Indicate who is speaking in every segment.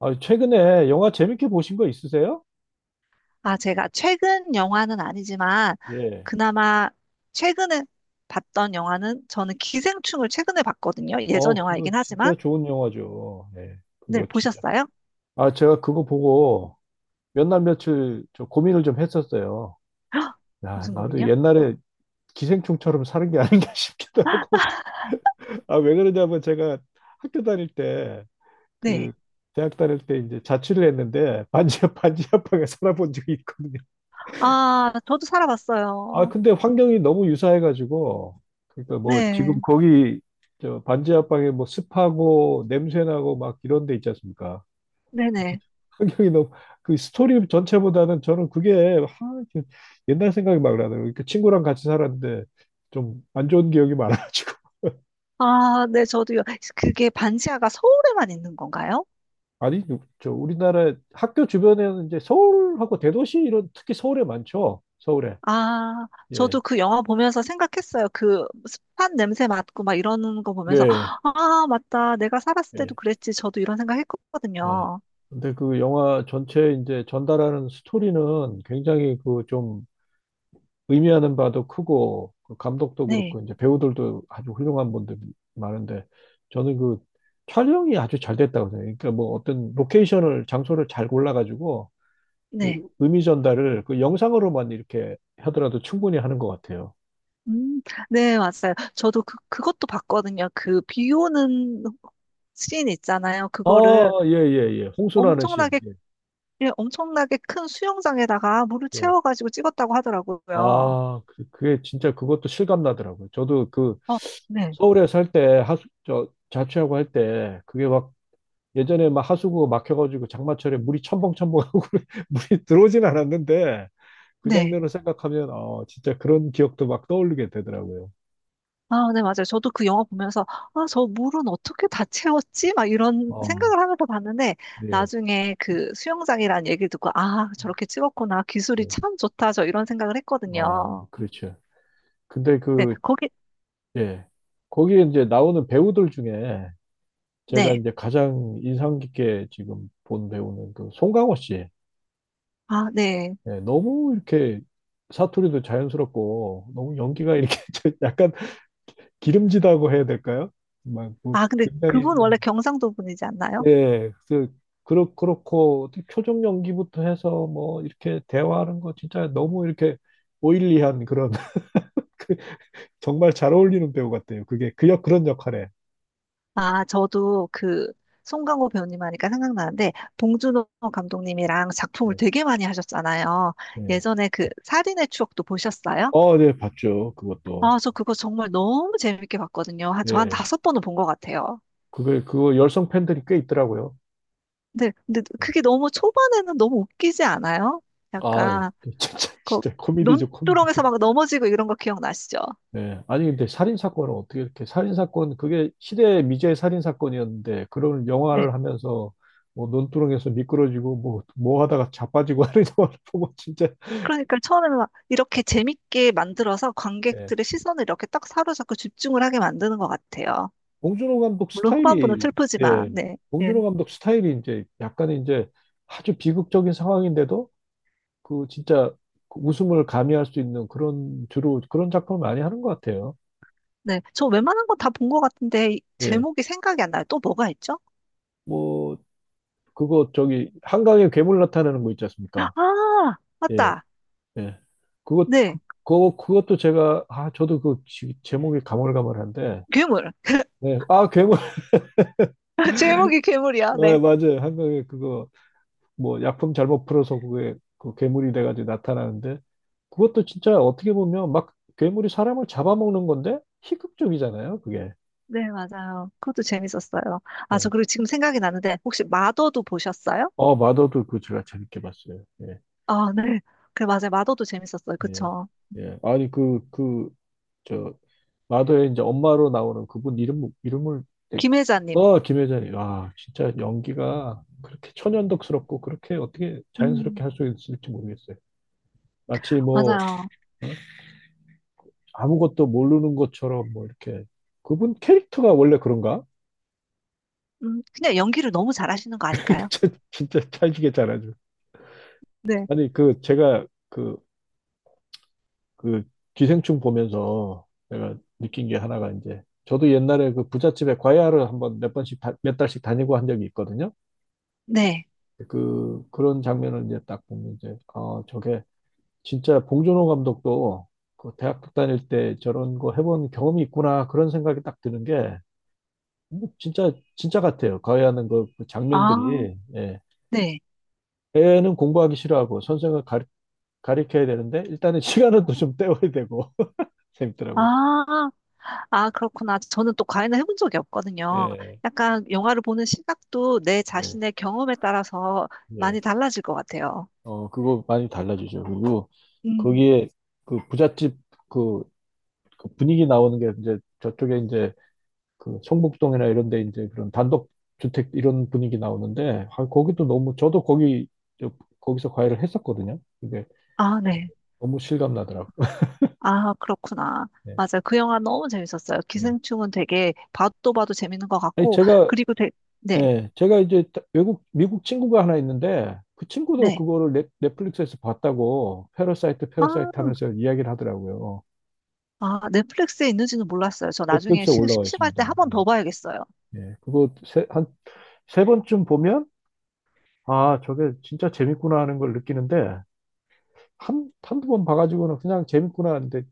Speaker 1: 아, 최근에 영화 재밌게 보신 거 있으세요?
Speaker 2: 아, 제가 최근 영화는 아니지만,
Speaker 1: 예.
Speaker 2: 그나마 최근에 봤던 영화는 저는 기생충을 최근에 봤거든요. 예전
Speaker 1: 어, 그거
Speaker 2: 영화이긴 하지만.
Speaker 1: 진짜 좋은 영화죠. 예.
Speaker 2: 네,
Speaker 1: 그거 진짜.
Speaker 2: 보셨어요?
Speaker 1: 아, 제가 그거 보고 몇 날 며칠 저 고민을 좀 했었어요.
Speaker 2: 헉,
Speaker 1: 야,
Speaker 2: 무슨
Speaker 1: 나도
Speaker 2: 고민이요?
Speaker 1: 옛날에 기생충처럼 사는 게 아닌가 싶기도 하고. 아, 왜 그러냐면 제가 학교 다닐 때, 그,
Speaker 2: 네.
Speaker 1: 대학 다닐 때 이제 자취를 했는데 반지하방에 살아본 적이 있거든요.
Speaker 2: 아, 저도
Speaker 1: 아,
Speaker 2: 살아봤어요.
Speaker 1: 근데 환경이 너무 유사해가지고, 그러니까 뭐 지금
Speaker 2: 네.
Speaker 1: 거기 저 반지 하방에 뭐 습하고 냄새나고 막 이런 데 있지 않습니까?
Speaker 2: 네네.
Speaker 1: 환경이 너무 그 스토리 전체보다는 저는 그게 하, 이렇게 옛날 생각이 막 나더라고요. 그 친구랑 같이 살았는데 좀 안 좋은 기억이 많아가지고.
Speaker 2: 아, 네, 저도요. 그게 반지하가 서울에만 있는 건가요?
Speaker 1: 아니, 그 저 우리나라 학교 주변에는 이제 서울하고 대도시 이런 특히 서울에 많죠. 서울에.
Speaker 2: 아,
Speaker 1: 예.
Speaker 2: 저도 그 영화 보면서 생각했어요. 그 습한 냄새 맡고 막 이러는 거 보면서,
Speaker 1: 네.
Speaker 2: 아, 맞다. 내가 살았을 때도
Speaker 1: 예.
Speaker 2: 그랬지. 저도 이런 생각
Speaker 1: 예.
Speaker 2: 했거든요.
Speaker 1: 근데 그 영화 전체에 이제 전달하는 스토리는 굉장히 그 좀 의미하는 바도 크고 그 감독도
Speaker 2: 네,
Speaker 1: 그렇고 이제 배우들도 아주 훌륭한 분들이 많은데 저는 그 촬영이 아주 잘 됐다고 생각해요. 그러니까 뭐 어떤 로케이션을 장소를 잘 골라가지고
Speaker 2: 네.
Speaker 1: 그 의미 전달을 그 영상으로만 이렇게 하더라도 충분히 하는 것 같아요.
Speaker 2: 음, 네, 맞아요. 저도 그, 그것도 봤거든요. 그 비 오는 씬 있잖아요.
Speaker 1: 아,
Speaker 2: 그거를
Speaker 1: 예, 예, 예. 홍수라는 씬.
Speaker 2: 엄청나게,
Speaker 1: 예,
Speaker 2: 예, 엄청나게 큰 수영장에다가 물을
Speaker 1: 예.
Speaker 2: 채워가지고 찍었다고 하더라고요.
Speaker 1: 아, 그게 진짜 그것도 실감 나더라고요. 저도 그
Speaker 2: 어, 네,
Speaker 1: 서울에 살 때 저 자취하고 할 때 그게 막 예전에 막 하수구가 막혀가지고 장마철에 물이 첨벙첨벙하고 물이 들어오진 않았는데 그
Speaker 2: 네.
Speaker 1: 장면을 생각하면 진짜 그런 기억도 막 떠올리게 되더라고요.
Speaker 2: 아, 네, 맞아요. 저도 그 영화 보면서, 아, 저 물은 어떻게 다 채웠지? 막 이런
Speaker 1: 어,
Speaker 2: 생각을 하면서 봤는데,
Speaker 1: 네.
Speaker 2: 나중에 그 수영장이라는 얘기를 듣고, 아, 저렇게 찍었구나. 기술이
Speaker 1: 네.
Speaker 2: 참 좋다. 저 이런 생각을
Speaker 1: 아,
Speaker 2: 했거든요.
Speaker 1: 그렇죠. 근데
Speaker 2: 네,
Speaker 1: 그,
Speaker 2: 거기,
Speaker 1: 예. 거기에 이제 나오는 배우들 중에 제가
Speaker 2: 네.
Speaker 1: 이제 가장 인상 깊게 지금 본 배우는 그 송강호 씨.
Speaker 2: 아, 네.
Speaker 1: 예, 너무 이렇게 사투리도 자연스럽고 너무 연기가 이렇게 저 약간 기름지다고 해야 될까요? 막뭐
Speaker 2: 아, 근데
Speaker 1: 굉장히
Speaker 2: 그분 원래 경상도 분이지 않나요?
Speaker 1: 예, 그 그렇고 어떻게 표정 연기부터 해서 뭐 이렇게 대화하는 거 진짜 너무 이렇게 오일리한 그런 그 정말 잘 어울리는 배우 같아요. 그게 그역 그런 역할에.
Speaker 2: 아, 저도 그 송강호 배우님 하니까 생각나는데 봉준호 감독님이랑 작품을
Speaker 1: 예.
Speaker 2: 되게 많이 하셨잖아요.
Speaker 1: 예.
Speaker 2: 예전에 그 살인의 추억도 보셨어요?
Speaker 1: 어, 네, 봤죠. 그것도.
Speaker 2: 아, 저 그거 정말 너무 재밌게 봤거든요. 한, 저 한
Speaker 1: 예.
Speaker 2: 다섯 번은 본 것 같아요.
Speaker 1: 그게 그거 열성 팬들이 꽤 있더라고요.
Speaker 2: 근데
Speaker 1: 예.
Speaker 2: 그게 너무 초반에는 너무 웃기지 않아요?
Speaker 1: 아,
Speaker 2: 약간
Speaker 1: 진짜
Speaker 2: 그
Speaker 1: 진짜 코미디죠, 코미디.
Speaker 2: 논두렁에서 막 넘어지고 이런 거 기억나시죠?
Speaker 1: 네. 아니, 근데 살인사건은 어떻게 이렇게, 살인사건, 그게 시대의 미제 살인사건이었는데, 그런
Speaker 2: 네.
Speaker 1: 영화를 하면서, 뭐, 논두렁에서 미끄러지고, 뭐 하다가 자빠지고 하는 영화를 보면 진짜,
Speaker 2: 그러니까 처음에는 막 이렇게 재밌게 만들어서
Speaker 1: 예.
Speaker 2: 관객들의 시선을 이렇게 딱 사로잡고 집중을 하게 만드는 것 같아요.
Speaker 1: 봉준호 감독
Speaker 2: 물론 후반부는
Speaker 1: 스타일이, 예.
Speaker 2: 슬프지만, 네. 예.
Speaker 1: 봉준호 감독 스타일이 이제 약간 이제 아주 비극적인 상황인데도, 그 진짜 그 웃음을 가미할 수 있는 그런, 주로 그런 작품을 많이 하는 것 같아요.
Speaker 2: 네. 저 웬만한 건 다 본 것 같은데, 이
Speaker 1: 예.
Speaker 2: 제목이 생각이 안 나요. 또 뭐가 있죠?
Speaker 1: 뭐, 그거 저기, 한강에 괴물 나타나는 거 있지
Speaker 2: 아,
Speaker 1: 않습니까? 예.
Speaker 2: 맞다.
Speaker 1: 예. 그것, 그,
Speaker 2: 네.
Speaker 1: 그것도 제가, 아, 저도 그 제목이 가물가물한데,
Speaker 2: 괴물.
Speaker 1: 네. 아, 괴물,
Speaker 2: 제목이 괴물이야. 네.
Speaker 1: 네, 맞아요. 한강에 그거, 뭐, 약품 잘못 풀어서 그게, 그 괴물이 돼가지고 나타나는데, 그것도 진짜 어떻게 보면 막 괴물이 사람을 잡아먹는 건데, 희극적이잖아요, 그게.
Speaker 2: 네, 맞아요. 그것도 재밌었어요. 아, 저
Speaker 1: 예.
Speaker 2: 그리고 지금 생각이 나는데, 혹시 마더도 보셨어요?
Speaker 1: 어, 마더도 그 제가 재밌게 봤어요. 예,
Speaker 2: 아, 네. 그래, 맞아요. 마더도 재밌었어요.
Speaker 1: 예,
Speaker 2: 그쵸.
Speaker 1: 예. 아니, 저, 마더의 이제 엄마로 나오는 그분 이름을 내-
Speaker 2: 김혜자님.
Speaker 1: 어 김혜자님 와 진짜 연기가 그렇게 천연덕스럽고 그렇게 어떻게
Speaker 2: 음,
Speaker 1: 자연스럽게 할 수 있을지 모르겠어요. 마치 뭐
Speaker 2: 맞아요.
Speaker 1: 아무것도 모르는 것처럼 뭐 이렇게 그분 캐릭터가 원래 그런가?
Speaker 2: 그냥 연기를 너무 잘하시는 거 아닐까요?
Speaker 1: 진짜 진짜 찰지게 잘하죠.
Speaker 2: 네.
Speaker 1: 아니 그 제가 그 기생충 보면서 내가 느낀 게 하나가 이제 저도 옛날에 그 부잣집에 과외하러 한번 몇 번씩 몇 달씩 다니고 한 적이 있거든요.
Speaker 2: 네.
Speaker 1: 그 그런 장면을 이제 딱 보면 이제 아 저게 진짜 봉준호 감독도 그 대학교 다닐 때 저런 거 해본 경험이 있구나 그런 생각이 딱 드는 게뭐 진짜 진짜 같아요. 가해하는 그
Speaker 2: 아,
Speaker 1: 장면들이 예.
Speaker 2: 네.
Speaker 1: 애는 공부하기 싫어하고 선생을 가리켜야 되는데 일단은 시간은 또 좀 때워야 되고 재밌더라고요.
Speaker 2: 아, 아, 그렇구나. 저는 또 과외는 해본 적이 없거든요.
Speaker 1: 예.
Speaker 2: 약간 영화를 보는 시각도 내
Speaker 1: 예.
Speaker 2: 자신의 경험에 따라서 많이
Speaker 1: 예.
Speaker 2: 달라질 것 같아요.
Speaker 1: 어 그거 많이 달라지죠. 그리고
Speaker 2: 음.
Speaker 1: 거기에 그 부잣집 그, 그 분위기 나오는 게 이제 저쪽에 이제 그 성북동이나 이런 데 이제 그런 단독 주택 이런 분위기 나오는데 아, 거기도 너무 저도 거기 저- 거기서 과외를 했었거든요. 그게
Speaker 2: 아, 네.
Speaker 1: 너무 실감 나더라고요.
Speaker 2: 아, 그렇구나.
Speaker 1: 네,
Speaker 2: 맞아요. 그 영화 너무 재밌었어요.
Speaker 1: 네.
Speaker 2: 기생충은 되게 봐도 봐도 재밌는 것
Speaker 1: 아니
Speaker 2: 같고,
Speaker 1: 제가
Speaker 2: 그리고 되, 네,
Speaker 1: 예, 제가 이제 외국 미국 친구가 하나 있는데 그 친구도
Speaker 2: 네.
Speaker 1: 그거를 넷플릭스에서 봤다고 패러사이트 패러사이트
Speaker 2: 아,
Speaker 1: 하면서 이야기를 하더라고요.
Speaker 2: 아, 넷플릭스에 있는지는 몰랐어요. 저 나중에
Speaker 1: 넷플릭스에 올라와
Speaker 2: 심심할
Speaker 1: 있습니다.
Speaker 2: 때 한 번 더
Speaker 1: 음.
Speaker 2: 봐야겠어요.
Speaker 1: 예, 그거 한 세 번쯤 보면 아 저게 진짜 재밌구나 하는 걸 느끼는데 한두 번 봐가지고는 그냥 재밌구나 하는데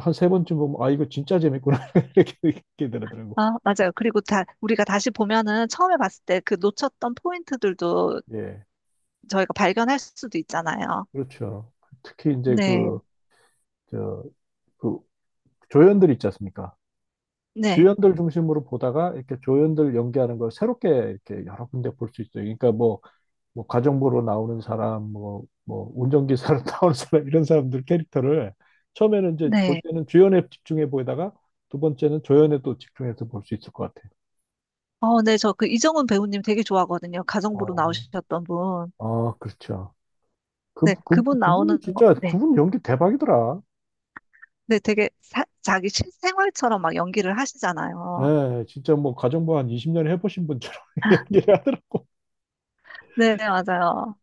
Speaker 1: 한 세 번쯤 보면 아 이거 진짜 재밌구나 이렇게 느끼게 되더라고.
Speaker 2: 아, 맞아요. 그리고 다, 우리가 다시 보면은 처음에 봤을 때 그 놓쳤던 포인트들도
Speaker 1: 예,
Speaker 2: 저희가 발견할 수도 있잖아요.
Speaker 1: 그렇죠. 특히 이제
Speaker 2: 네,
Speaker 1: 그, 저, 그 조연들 있지 않습니까?
Speaker 2: 네,
Speaker 1: 주연들 중심으로 보다가 이렇게 조연들 연기하는 걸 새롭게 이렇게 여러 군데 볼 수 있어요. 그러니까 뭐 가정부로 나오는 사람, 뭐 운전기사로 나오는 사람 이런 사람들 캐릭터를 처음에는 이제 볼
Speaker 2: 네.
Speaker 1: 때는 주연에 집중해 보이다가 두 번째는 조연에 또 집중해서 볼 수 있을 것 같아요.
Speaker 2: 어, 네, 저 그 이정훈 배우님 되게 좋아하거든요. 가정부로
Speaker 1: 어.
Speaker 2: 나오셨던 분.
Speaker 1: 아, 그렇죠.
Speaker 2: 네, 그분 나오는
Speaker 1: 그분이
Speaker 2: 거,
Speaker 1: 진짜,
Speaker 2: 네.
Speaker 1: 그분 연기 대박이더라.
Speaker 2: 네, 되게 자기 실생활처럼 막 연기를 하시잖아요.
Speaker 1: 예, 진짜 뭐, 가정부 한 20년 해보신 분처럼 연기를 하더라.
Speaker 2: 네, 맞아요.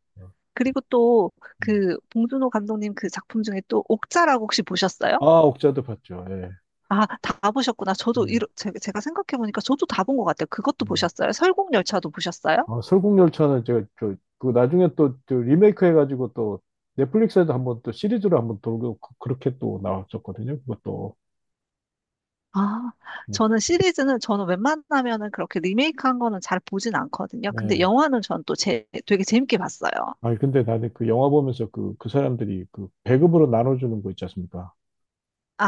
Speaker 2: 그리고 또
Speaker 1: 예.
Speaker 2: 그 봉준호 감독님 그 작품 중에 또 옥자라고 혹시 보셨어요?
Speaker 1: 아, 옥자도 봤죠. 예.
Speaker 2: 아, 다 보셨구나. 저도
Speaker 1: 네,
Speaker 2: 이러, 제, 제가 생각해보니까 저도 다 본 것 같아요. 그것도
Speaker 1: 네.
Speaker 2: 보셨어요? 설국열차도 보셨어요?
Speaker 1: 아, 설국열차는 제가, 저, 그 나중에 또, 저 리메이크 해가지고 또, 넷플릭스에도 한번 또 시리즈로 한번 돌고, 그렇게 또 나왔었거든요. 그것도.
Speaker 2: 아,
Speaker 1: 예.
Speaker 2: 저는 시리즈는, 저는 웬만하면은 그렇게 리메이크한 거는 잘 보진 않거든요. 근데
Speaker 1: 예.
Speaker 2: 영화는 전 또 제, 되게 재밌게 봤어요.
Speaker 1: 아니, 근데 나는 그 영화 보면서 그 사람들이 그 배급으로 나눠주는 거 있지 않습니까?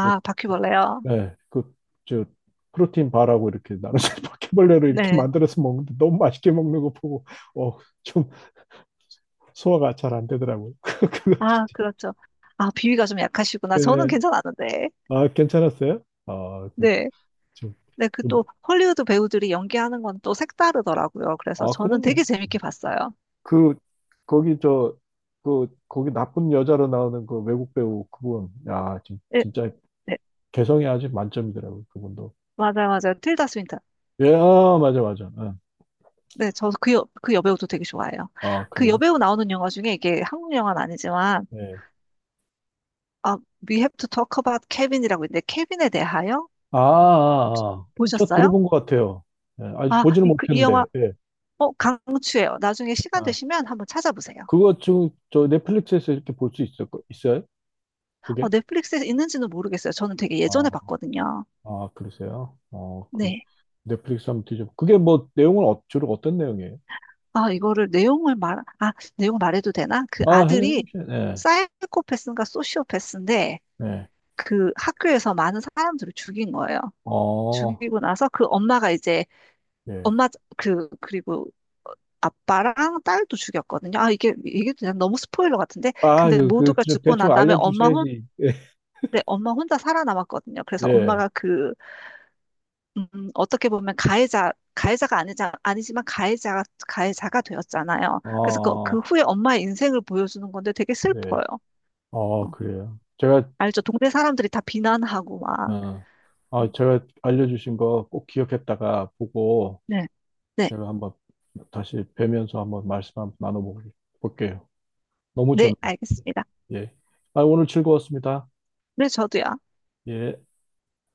Speaker 1: 뭐,
Speaker 2: 바퀴벌레요?
Speaker 1: 네, 그, 저, 프로틴 바라고 이렇게 나눠서 바퀴벌레로 이렇게
Speaker 2: 네.
Speaker 1: 만들어서 먹는데 너무 맛있게 먹는 거 보고, 어, 좀 소화가 잘 안 되더라고요. 그거
Speaker 2: 아,
Speaker 1: 진짜.
Speaker 2: 그렇죠. 아, 비위가 좀 약하시구나. 저는
Speaker 1: 네.
Speaker 2: 괜찮았는데.
Speaker 1: 아, 괜찮았어요? 아, 그
Speaker 2: 네.
Speaker 1: 좀,
Speaker 2: 네, 그
Speaker 1: 좀,
Speaker 2: 또 헐리우드 배우들이 연기하는 건 또 색다르더라고요. 그래서
Speaker 1: 아,
Speaker 2: 저는
Speaker 1: 그럼요.
Speaker 2: 되게 재밌게 봤어요.
Speaker 1: 그, 거기 저, 그, 거기 나쁜 여자로 나오는 그 외국 배우 그분, 야, 진-
Speaker 2: 예,
Speaker 1: 진짜
Speaker 2: 네.
Speaker 1: 개성이 아주 만점이더라고요. 그분도.
Speaker 2: 맞아요, 맞아요. 틸다 스윈턴.
Speaker 1: 예, 아, 맞아, 맞아. 응.
Speaker 2: 네, 저도 그, 여, 그 여배우도 되게 좋아해요.
Speaker 1: 아,
Speaker 2: 그
Speaker 1: 그래요?
Speaker 2: 여배우 나오는 영화 중에 이게 한국 영화는 아니지만,
Speaker 1: 네.
Speaker 2: 아, We Have to Talk About Kevin이라고 있는데, 케빈에 대하여
Speaker 1: 아, 아, 아. 저
Speaker 2: 보셨어요?
Speaker 1: 들어본 것 같아요. 예, 아직
Speaker 2: 아,
Speaker 1: 보지는
Speaker 2: 이, 그- 이
Speaker 1: 못했는데,
Speaker 2: 영화,
Speaker 1: 예.
Speaker 2: 어, 강추해요. 나중에 시간
Speaker 1: 아,
Speaker 2: 되시면 한번 찾아보세요.
Speaker 1: 그거 지금 저 넷플릭스에서 이렇게 볼 수 있을 거, 있어요?
Speaker 2: 어,
Speaker 1: 그게?
Speaker 2: 넷플릭스에 있는지는 모르겠어요. 저는 되게 예전에
Speaker 1: 아,
Speaker 2: 봤거든요.
Speaker 1: 아, 그러세요? 어, 그,
Speaker 2: 네.
Speaker 1: 넷플릭스 한번 뒤져. 그게 뭐, 내용은 주로 어떤 내용이에요?
Speaker 2: 아, 이거를 내용을 말, 아, 내용 말해도 되나? 그
Speaker 1: 아,
Speaker 2: 아들이
Speaker 1: 네,
Speaker 2: 사이코패스인가 소시오패스인데,
Speaker 1: 예. 예.
Speaker 2: 그 학교에서 많은 사람들을 죽인 거예요.
Speaker 1: 어,
Speaker 2: 죽이고 나서 그 엄마가 이제
Speaker 1: 예.
Speaker 2: 엄마 그 그리고 어, 아빠랑 딸도 죽였거든요. 아 이게 이게 그냥 너무 스포일러 같은데
Speaker 1: 아,
Speaker 2: 근데 모두가
Speaker 1: 좀
Speaker 2: 죽고
Speaker 1: 대충
Speaker 2: 난 다음에 엄마 혼
Speaker 1: 알려주셔야지.
Speaker 2: 그래, 엄마 혼자 살아남았거든요. 그래서
Speaker 1: 네,
Speaker 2: 엄마가 그 어떻게 보면 가해자 가해자가 아니자 아니지만 가해자가 가해자가 되었잖아요. 그래서 그, 그
Speaker 1: 어,
Speaker 2: 후에 엄마의 인생을 보여주는 건데 되게
Speaker 1: 네.
Speaker 2: 슬퍼요.
Speaker 1: 어,
Speaker 2: 어,
Speaker 1: 그래요.
Speaker 2: 알죠? 동네 사람들이 다 비난하고 막
Speaker 1: 어, 아,
Speaker 2: 음,
Speaker 1: 제가 알려주신 거 꼭 기억했다가 보고,
Speaker 2: 네. 네,
Speaker 1: 제가 한번 다시 뵈면서 한번 말씀 한번 나눠볼게요. 너무
Speaker 2: 네,
Speaker 1: 좋네.
Speaker 2: 알겠습니다.
Speaker 1: 예. 아, 오늘 즐거웠습니다.
Speaker 2: 네, 저도요.
Speaker 1: 예.